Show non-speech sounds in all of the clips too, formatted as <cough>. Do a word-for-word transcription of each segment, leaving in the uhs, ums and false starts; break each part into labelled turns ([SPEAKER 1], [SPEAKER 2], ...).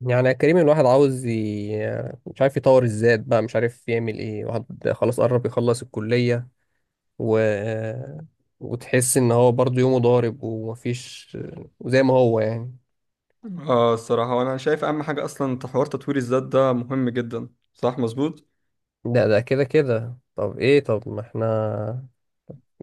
[SPEAKER 1] يعني يا كريم الواحد عاوز ي... مش عارف يطور الذات بقى، مش عارف يعمل ايه. واحد خلاص قرب يخلص الكلية و... وتحس ان هو برضه يومه ضارب ومفيش، وزي ما هو يعني.
[SPEAKER 2] اه الصراحة وانا شايف اهم حاجة اصلا حوار تطوير الذات ده مهم جدا. صح مظبوط.
[SPEAKER 1] ده ده كده كده طب ايه؟ طب ما احنا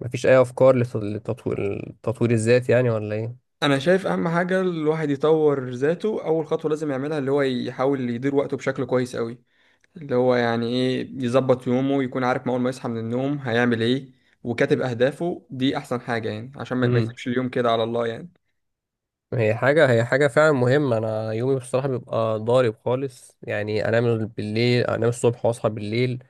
[SPEAKER 1] مفيش اي افكار لت- لتطوير التطوير الذات يعني ولا ايه؟
[SPEAKER 2] انا شايف اهم حاجة الواحد يطور ذاته، اول خطوة لازم يعملها اللي هو يحاول يدير وقته بشكل كويس قوي. اللي هو يعني ايه يظبط يومه، يكون عارف ما اول ما يصحى من النوم هيعمل ايه، وكاتب اهدافه. دي احسن حاجة يعني عشان ما ما
[SPEAKER 1] امم
[SPEAKER 2] يسيبش اليوم كده على الله يعني.
[SPEAKER 1] هي حاجة هي حاجة فعلا مهمة. أنا يومي بصراحة بيبقى ضارب خالص، يعني أنام بالليل، أنام الصبح وأصحى بالليل.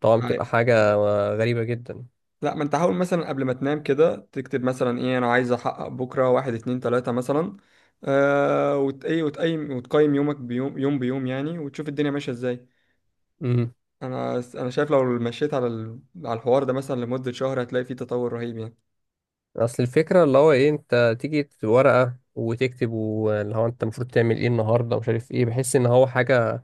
[SPEAKER 1] طبعا بتبقى حاجة غريبة جدا.
[SPEAKER 2] لا ما انت حاول مثلا قبل ما تنام كده تكتب مثلا ايه انا عايز احقق بكره، واحد اتنين تلاته مثلا. آه وت ايه وتقيم وتقيم يومك بيوم يوم بيوم يعني، وتشوف الدنيا ماشيه ازاي. انا انا شايف لو مشيت على ال... على الحوار ده مثلا لمده شهر هتلاقي فيه تطور رهيب يعني.
[SPEAKER 1] اصل الفكره اللي هو ايه، انت تيجي ورقه وتكتب واللي هو انت المفروض تعمل ايه النهارده ومش عارف ايه، بحس ان هو حاجه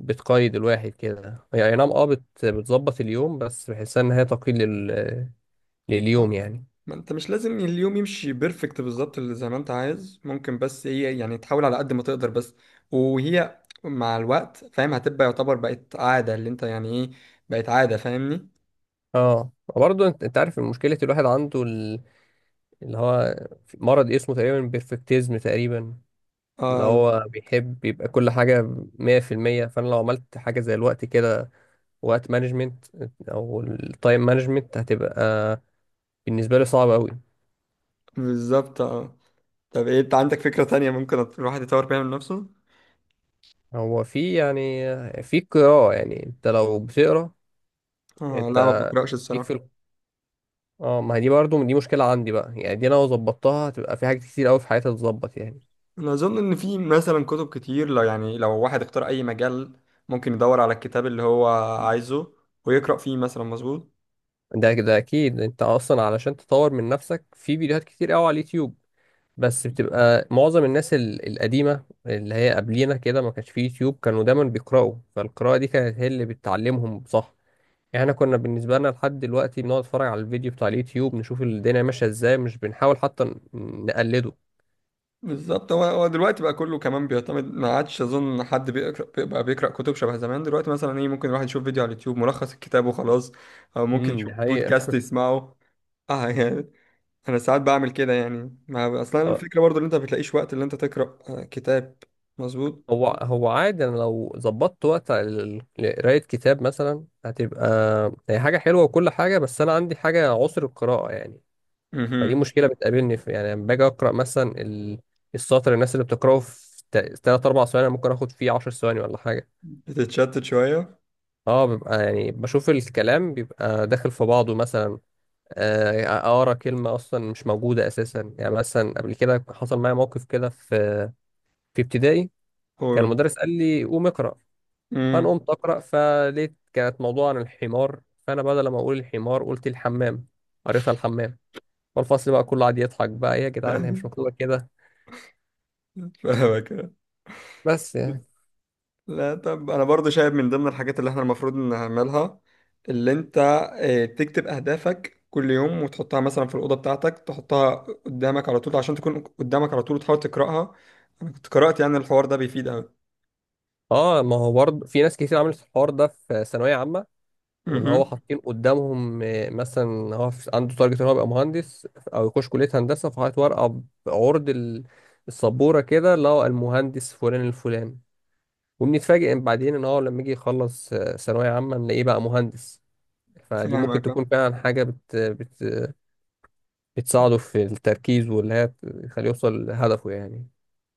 [SPEAKER 1] بتقيد الواحد كده. هي اي نعم، اه بت- بتظبط اليوم، بس بحسها ان هي تقييد لل... لليوم
[SPEAKER 2] آه،
[SPEAKER 1] يعني.
[SPEAKER 2] ما انت مش لازم اليوم يمشي بيرفكت بالظبط اللي زي ما انت عايز، ممكن بس ايه يعني تحاول على قد ما تقدر بس. وهي مع الوقت فاهم هتبقى يعتبر بقت عاده اللي انت يعني ايه، بقت عاده، فاهمني.
[SPEAKER 1] اه، وبرضه انت انت عارف مشكله الواحد عنده ال- اللي هو في مرض اسمه تقريبا بيرفكتيزم تقريبا، اللي
[SPEAKER 2] اه
[SPEAKER 1] هو بيحب يبقى كل حاجه مية في المية. فانا لو عملت حاجه زي الوقت كده، وقت مانجمنت او التايم مانجمنت، هتبقى بالنسبة لي صعب أوي.
[SPEAKER 2] بالظبط اه. طب ايه انت عندك فكرة تانية ممكن الواحد يطور بيها من نفسه؟
[SPEAKER 1] هو في يعني في قراءة، يعني أنت لو بتقرا.
[SPEAKER 2] آه
[SPEAKER 1] أنت
[SPEAKER 2] لا ما بقرأش
[SPEAKER 1] ليك
[SPEAKER 2] الصراحة.
[SPEAKER 1] في ال- اه ما هي دي برضه دي مشكلة عندي بقى يعني، دي أنا لو ظبطتها هتبقى في حاجات كتير أوي في حياتي تتظبط يعني.
[SPEAKER 2] انا اظن ان في مثلا كتب كتير لو يعني لو واحد اختار اي مجال، ممكن يدور على الكتاب اللي هو عايزه ويقرأ فيه مثلا. مظبوط
[SPEAKER 1] ده كده أكيد. أنت أصلا علشان تطور من نفسك في فيديوهات كتير أوي على اليوتيوب، بس بتبقى معظم الناس ال- القديمة اللي هي قبلينا كده ما كانش في يوتيوب، كانوا دايما بيقرأوا، فالقراءة دي كانت هي اللي بتعلمهم صح يعني. احنا كنا بالنسبة لنا لحد دلوقتي بنقعد نتفرج على الفيديو بتاع اليوتيوب، نشوف الدنيا ماشية ازاي، مش بنحاول حتى ن- نقلده.
[SPEAKER 2] بالظبط. هو هو دلوقتي بقى كله كمان بيعتمد، ما عادش اظن حد بيقرأ بقى، بيقرأ كتب شبه زمان. دلوقتي مثلا ايه ممكن الواحد يشوف فيديو على اليوتيوب ملخص الكتاب وخلاص، او ممكن
[SPEAKER 1] امم،
[SPEAKER 2] يشوف
[SPEAKER 1] دي حقيقة.
[SPEAKER 2] بودكاست يسمعه. <laughs> اه يعني انا ساعات بعمل كده يعني. ما اصلا
[SPEAKER 1] آه.
[SPEAKER 2] الفكرة برضو ان انت ما بتلاقيش وقت اللي انت تقرأ آه، كتاب. مظبوط.
[SPEAKER 1] هو هو عادي، انا لو ظبطت وقت ال- لقراية كتاب مثلا هتبقى هي حاجة حلوة وكل حاجة، بس انا عندي حاجة عسر القراءة يعني، فدي
[SPEAKER 2] مهم.
[SPEAKER 1] مشكلة بتقابلني في يعني. لما باجي اقرا مثلا ال- السطر، الناس اللي بتقراه في تا- تلات اربع ثواني، أنا ممكن اخد فيه عشر ثواني ولا حاجة.
[SPEAKER 2] بتتشتت شوية.
[SPEAKER 1] اه، بيبقى يعني بشوف الكلام بيبقى داخل في بعضه مثلا، آه، اقرا كلمه اصلا مش موجوده اساسا يعني. مثلا قبل كده حصل معايا موقف كده في في ابتدائي، كان
[SPEAKER 2] قول.
[SPEAKER 1] المدرس قال لي قوم اقرا، فانا
[SPEAKER 2] مم.
[SPEAKER 1] قمت اقرا، فلقيت كانت موضوع عن الحمار، فانا بدل ما اقول الحمار قلت الحمام، قريتها الحمام، والفصل بقى كله قعد يضحك بقى، إيه يا جدعان هي مش
[SPEAKER 2] <laughs>
[SPEAKER 1] مكتوبه كده.
[SPEAKER 2] فاهمك.
[SPEAKER 1] بس يعني.
[SPEAKER 2] لا طب انا برضو شايف من ضمن الحاجات اللي احنا المفروض نعملها، اللي انت آه، تكتب اهدافك كل يوم وتحطها مثلا في الاوضه بتاعتك، تحطها قدامك على طول عشان تكون قدامك على طول وتحاول تقراها. انا كنت قرات يعني الحوار ده بيفيد قوي.
[SPEAKER 1] اه، ما هو برضه في ناس كتير عملت الحوار ده في ثانويه عامه، واللي هو
[SPEAKER 2] امم.
[SPEAKER 1] حاطين قدامهم آه، مثلا هو في- عنده تارجت ان هو يبقى مهندس، او يخش كليه هندسه، فحاطط ورقه بعرض ال- السبوره كده اللي هو المهندس فلان الفلان، وبنتفاجئ إن بعدين ان هو لما يجي يخلص آه، ثانويه عامه نلاقيه بقى مهندس. فدي ممكن
[SPEAKER 2] فاهمك آه.
[SPEAKER 1] تكون فعلا حاجه بت... بت... بتساعده في التركيز، واللي هي تخليه يوصل لهدفه يعني.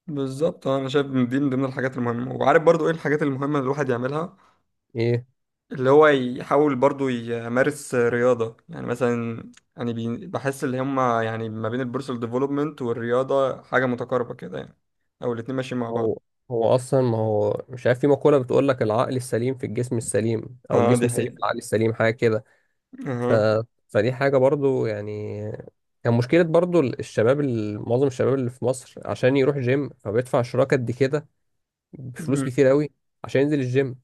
[SPEAKER 2] بالظبط. انا شايف ان دي من ضمن الحاجات المهمه، وعارف برضو ايه الحاجات المهمه اللي الواحد يعملها؟
[SPEAKER 1] ايه
[SPEAKER 2] اللي هو يحاول برضو يمارس رياضة يعني. مثلا يعني بي- بحس اللي هما يعني ما بين البيرسونال ديفلوبمنت والرياضة حاجة متقاربة كده يعني، أو الاتنين ماشيين مع بعض.
[SPEAKER 1] هو هو اصلا، ما هو مش عارف في مقوله بتقول لك العقل السليم في الجسم السليم، او
[SPEAKER 2] اه
[SPEAKER 1] الجسم
[SPEAKER 2] دي
[SPEAKER 1] السليم
[SPEAKER 2] حقيقة.
[SPEAKER 1] في العقل السليم، حاجه كده. ف...
[SPEAKER 2] اها.
[SPEAKER 1] فدي حاجة برضو يعني كان مشكلة برضو الشباب ال- معظم الشباب اللي في مصر، عشان يروح جيم فبيدفع اشتراك قد كده، بفلوس
[SPEAKER 2] مهم.
[SPEAKER 1] كتير قوي، عشان ينزل الجيم.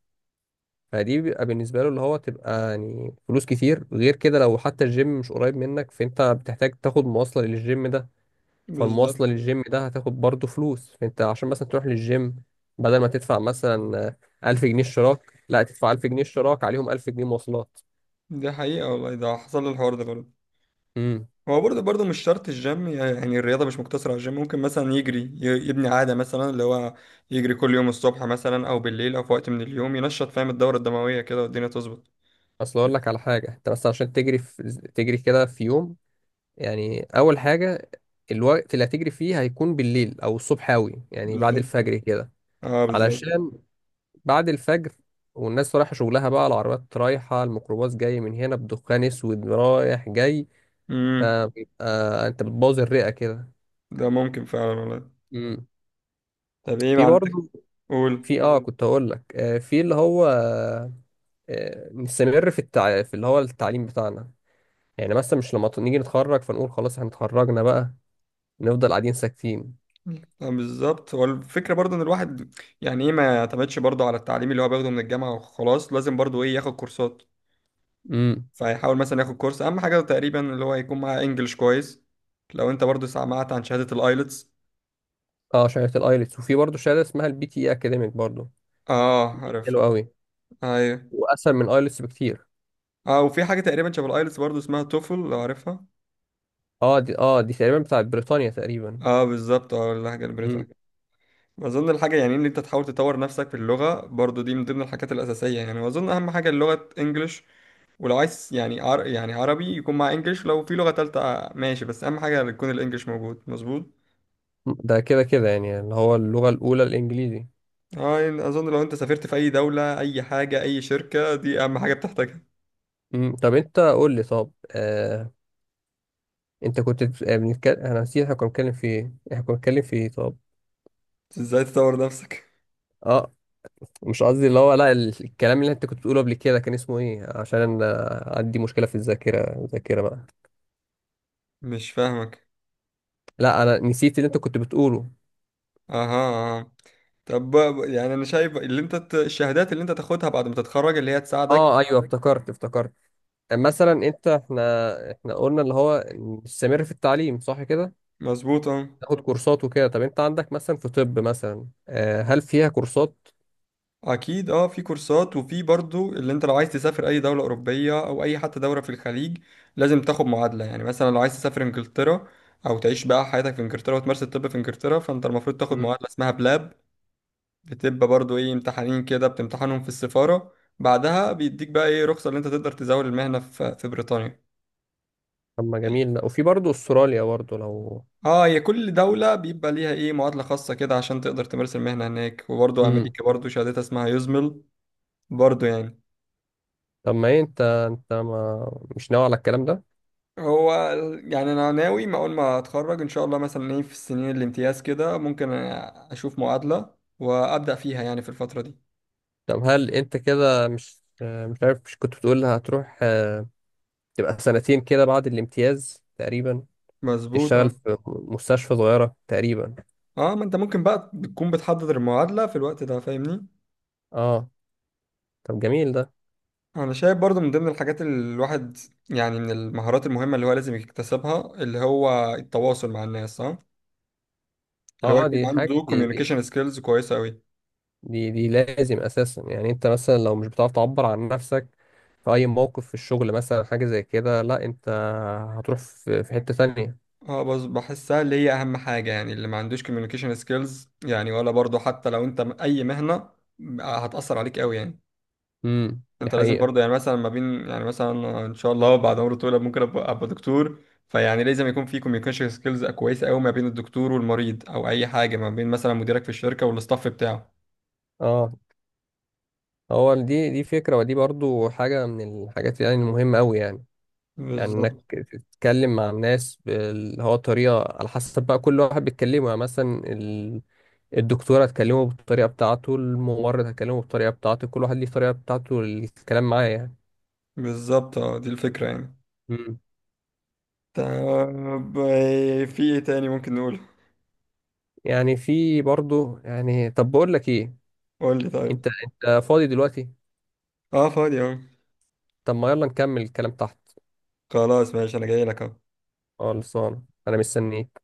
[SPEAKER 1] فدي بيبقى بالنسبة له اللي هو تبقى يعني فلوس كتير. غير كده لو حتى الجيم مش قريب منك، فانت بتحتاج تاخد مواصلة للجيم ده،
[SPEAKER 2] بالظبط.
[SPEAKER 1] فالمواصلة للجيم ده هتاخد برضو فلوس. فانت عشان مثلا تروح للجيم، بدل ما تدفع مثلا ألف جنيه اشتراك، لا تدفع ألف جنيه اشتراك عليهم ألف جنيه مواصلات.
[SPEAKER 2] دي حقيقة والله، ده حصل لي الحوار ده برضه.
[SPEAKER 1] امم.
[SPEAKER 2] هو برضه برضه مش شرط الجيم، يعني الرياضة مش مقتصرة على الجيم، ممكن مثلا يجري، ي- يبني عادة مثلا اللي هو يجري كل يوم الصبح مثلا أو بالليل أو في وقت من اليوم، ينشط فاهم الدورة الدموية كده والدنيا تظبط.
[SPEAKER 1] اصل اقول لك على حاجه، انت بس عشان تجري في... تجري كده في يوم، يعني اول حاجه الوقت اللي هتجري فيه هيكون بالليل او الصبح اوي، يعني بعد
[SPEAKER 2] بالظبط
[SPEAKER 1] الفجر كده.
[SPEAKER 2] اه بالظبط.
[SPEAKER 1] علشان بعد الفجر والناس رايحه شغلها بقى، العربيات رايحه، الميكروباص جاي من هنا بدخان اسود رايح جاي،
[SPEAKER 2] امم.
[SPEAKER 1] فبيبقى انت بتبوظ الرئه كده.
[SPEAKER 2] ده ممكن فعلا والله.
[SPEAKER 1] امم.
[SPEAKER 2] طب ايه ما
[SPEAKER 1] في
[SPEAKER 2] عندك؟
[SPEAKER 1] برضه،
[SPEAKER 2] قول.
[SPEAKER 1] في اه كنت هقول لك آه، في اللي هو آه، آه، نستمر في التع... في اللي هو التعليم بتاعنا يعني. مثلا مش لما ت- نيجي نتخرج فنقول خلاص احنا اتخرجنا بقى، نفضل قاعدين ساكتين.
[SPEAKER 2] آه، بالظبط. هو الفكرة برضه ان الواحد يعني ايه ما يعتمدش برضه على التعليم اللي هو بياخده من الجامعة وخلاص، لازم برضه ايه ياخد كورسات.
[SPEAKER 1] امم.
[SPEAKER 2] فيحاول مثلا ياخد كورس، اهم حاجة تقريبا اللي هو يكون معاه انجلش كويس. لو انت برضه سمعت عن شهادة الايلتس.
[SPEAKER 1] اه، شهاده الايلتس، وفي برضه شهاده اسمها البي تي اي اكاديميك برضه.
[SPEAKER 2] اه عارف.
[SPEAKER 1] حلو قوي،
[SPEAKER 2] ايوه.
[SPEAKER 1] واسهل من ايلتس بكتير.
[SPEAKER 2] اه وفي حاجة تقريبا شبه الايلتس برضه اسمها توفل لو عارفها.
[SPEAKER 1] اه، دي اه دي تقريبا بتاعت بريطانيا تقريبا.
[SPEAKER 2] اه بالظبط، اه اللهجة
[SPEAKER 1] امم.
[SPEAKER 2] البريطانية. واظن الحاجة يعني ان انت تحاول تطور نفسك في اللغة برضه دي من ضمن الحاجات الأساسية يعني، واظن اهم حاجة اللغة انجلش. ولو عايز يعني عر... يعني عربي يكون مع انجليش، لو في لغة تالتة ماشي، بس اهم حاجة يكون الانجليش موجود. مظبوط.
[SPEAKER 1] ده كده كده يعني اللي هو اللغه الاولى الانجليزي.
[SPEAKER 2] اه يعني اظن لو انت سافرت في اي دولة اي حاجة اي شركة دي اهم حاجة بتحتاجها.
[SPEAKER 1] امم. طب انت قول لي، طب آه انت كنت بنتكلم، انا نسيت، احنا كنا بنتكلم في ايه؟ احنا كنا بنتكلم في ايه طب؟
[SPEAKER 2] ازاي تطور نفسك.
[SPEAKER 1] اه. مش قصدي اللي هو لا، ال- الكلام اللي انت كنت بتقوله قبل كده كان اسمه ايه؟ عشان انا عندي مشكله في الذاكره، الذاكره بقى.
[SPEAKER 2] مش فاهمك.
[SPEAKER 1] لا انا نسيت اللي انت كنت بتقوله.
[SPEAKER 2] اها. آه. طب بقى- يعني انا شايف اللي انت ت- الشهادات اللي انت تاخدها بعد ما تتخرج اللي هي
[SPEAKER 1] اه
[SPEAKER 2] تساعدك.
[SPEAKER 1] ايوه، افتكرت افتكرت. مثلا انت، احنا احنا قلنا اللي هو نستمر في التعليم صح كده،
[SPEAKER 2] مظبوط اه.
[SPEAKER 1] تاخد كورسات وكده. طب انت عندك مثلا في طب مثلا آه، هل فيها كورسات؟
[SPEAKER 2] اكيد اه في كورسات، وفي برضو اللي انت لو عايز تسافر اي دولة اوروبية او اي حتى دولة في الخليج لازم تاخد معادلة. يعني مثلا لو عايز تسافر انجلترا او تعيش بقى حياتك في انجلترا وتمارس الطب في انجلترا، فانت المفروض تاخد
[SPEAKER 1] مم.
[SPEAKER 2] معادلة اسمها بلاب. بتبقى برضو ايه امتحانين كده بتمتحنهم في السفارة، بعدها بيديك بقى ايه رخصة اللي انت تقدر تزاول المهنة في في بريطانيا.
[SPEAKER 1] طب ما جميل. لا وفي برضه استراليا برضه لو.
[SPEAKER 2] اه هي كل دولة بيبقى ليها ايه معادلة خاصة كده عشان تقدر تمارس المهنة هناك. وبرضو
[SPEAKER 1] امم.
[SPEAKER 2] امريكا برضو شهادتها اسمها يوزمل برضو يعني.
[SPEAKER 1] طب ما ايه، انت انت ما مش ناوي على الكلام ده؟
[SPEAKER 2] هو ال- يعني انا ناوي ما اول ما اتخرج ان شاء الله مثلا ايه في السنين الامتياز كده ممكن اشوف معادلة وابدا فيها يعني في الفترة دي.
[SPEAKER 1] طب هل انت كده مش آه، مش عارف، مش كنت بتقول هتروح آه، تبقى سنتين كده بعد الامتياز تقريبا،
[SPEAKER 2] مظبوط
[SPEAKER 1] تشتغل
[SPEAKER 2] اه.
[SPEAKER 1] في مستشفى صغيرة تقريبا؟
[SPEAKER 2] اه ما انت ممكن بقى بتكون بتحضر المعادلة في الوقت ده فاهمني.
[SPEAKER 1] اه. طب جميل ده.
[SPEAKER 2] انا شايف برضو من ضمن الحاجات اللي الواحد يعني من المهارات المهمة اللي هو لازم يكتسبها اللي هو التواصل مع الناس اه، اللي هو
[SPEAKER 1] اه
[SPEAKER 2] يكون
[SPEAKER 1] دي حاجة،
[SPEAKER 2] عنده
[SPEAKER 1] دي دي
[SPEAKER 2] communication skills كويسة قوي.
[SPEAKER 1] دي, دي لازم اساسا يعني. انت مثلا لو مش بتعرف تعبر عن نفسك في اي موقف في الشغل مثلا حاجة زي كده، لا انت هتروح في, في حتة تانية.
[SPEAKER 2] اه بس بحسها اللي هي اهم حاجة يعني، اللي ما عندوش communication skills يعني، ولا برضو حتى لو انت م- اي مهنة ب- هتأثر عليك قوي يعني.
[SPEAKER 1] امم، دي
[SPEAKER 2] انت لازم
[SPEAKER 1] حقيقة.
[SPEAKER 2] برضو يعني مثلا ما بين يعني مثلا ان شاء الله بعد عمر طويل ممكن ابقى أبقى دكتور، فيعني لازم يكون في communication skills كويسة قوي ما بين الدكتور والمريض، او اي حاجة ما بين مثلا مديرك في الشركة والاستاف بتاعه.
[SPEAKER 1] اه، هو دي دي فكرة، ودي برضو حاجة من الحاجات يعني المهمة قوي يعني. يعني انك
[SPEAKER 2] بالظبط
[SPEAKER 1] تتكلم مع الناس اللي هو طريقة على حسب بقى كل واحد بيتكلمه يعني. مثلا ال... الدكتورة هتكلمه بالطريقة بتاعته، الممرض هتكلمه بالطريقة بتاعته، كل واحد ليه طريقة بتاعته للكلام معاه يعني.
[SPEAKER 2] بالظبط اه دي الفكرة يعني.
[SPEAKER 1] امم.
[SPEAKER 2] طب آه، في ايه تاني ممكن نقوله؟
[SPEAKER 1] يعني في برضه يعني، طب بقول لك ايه،
[SPEAKER 2] قول لي طيب.
[SPEAKER 1] انت انت فاضي دلوقتي؟
[SPEAKER 2] اه فاضي اه.
[SPEAKER 1] طب ما يلا نكمل الكلام تحت.
[SPEAKER 2] خلاص ماشي انا جاي لك اهو.
[SPEAKER 1] اه خلصان، انا مستنيك.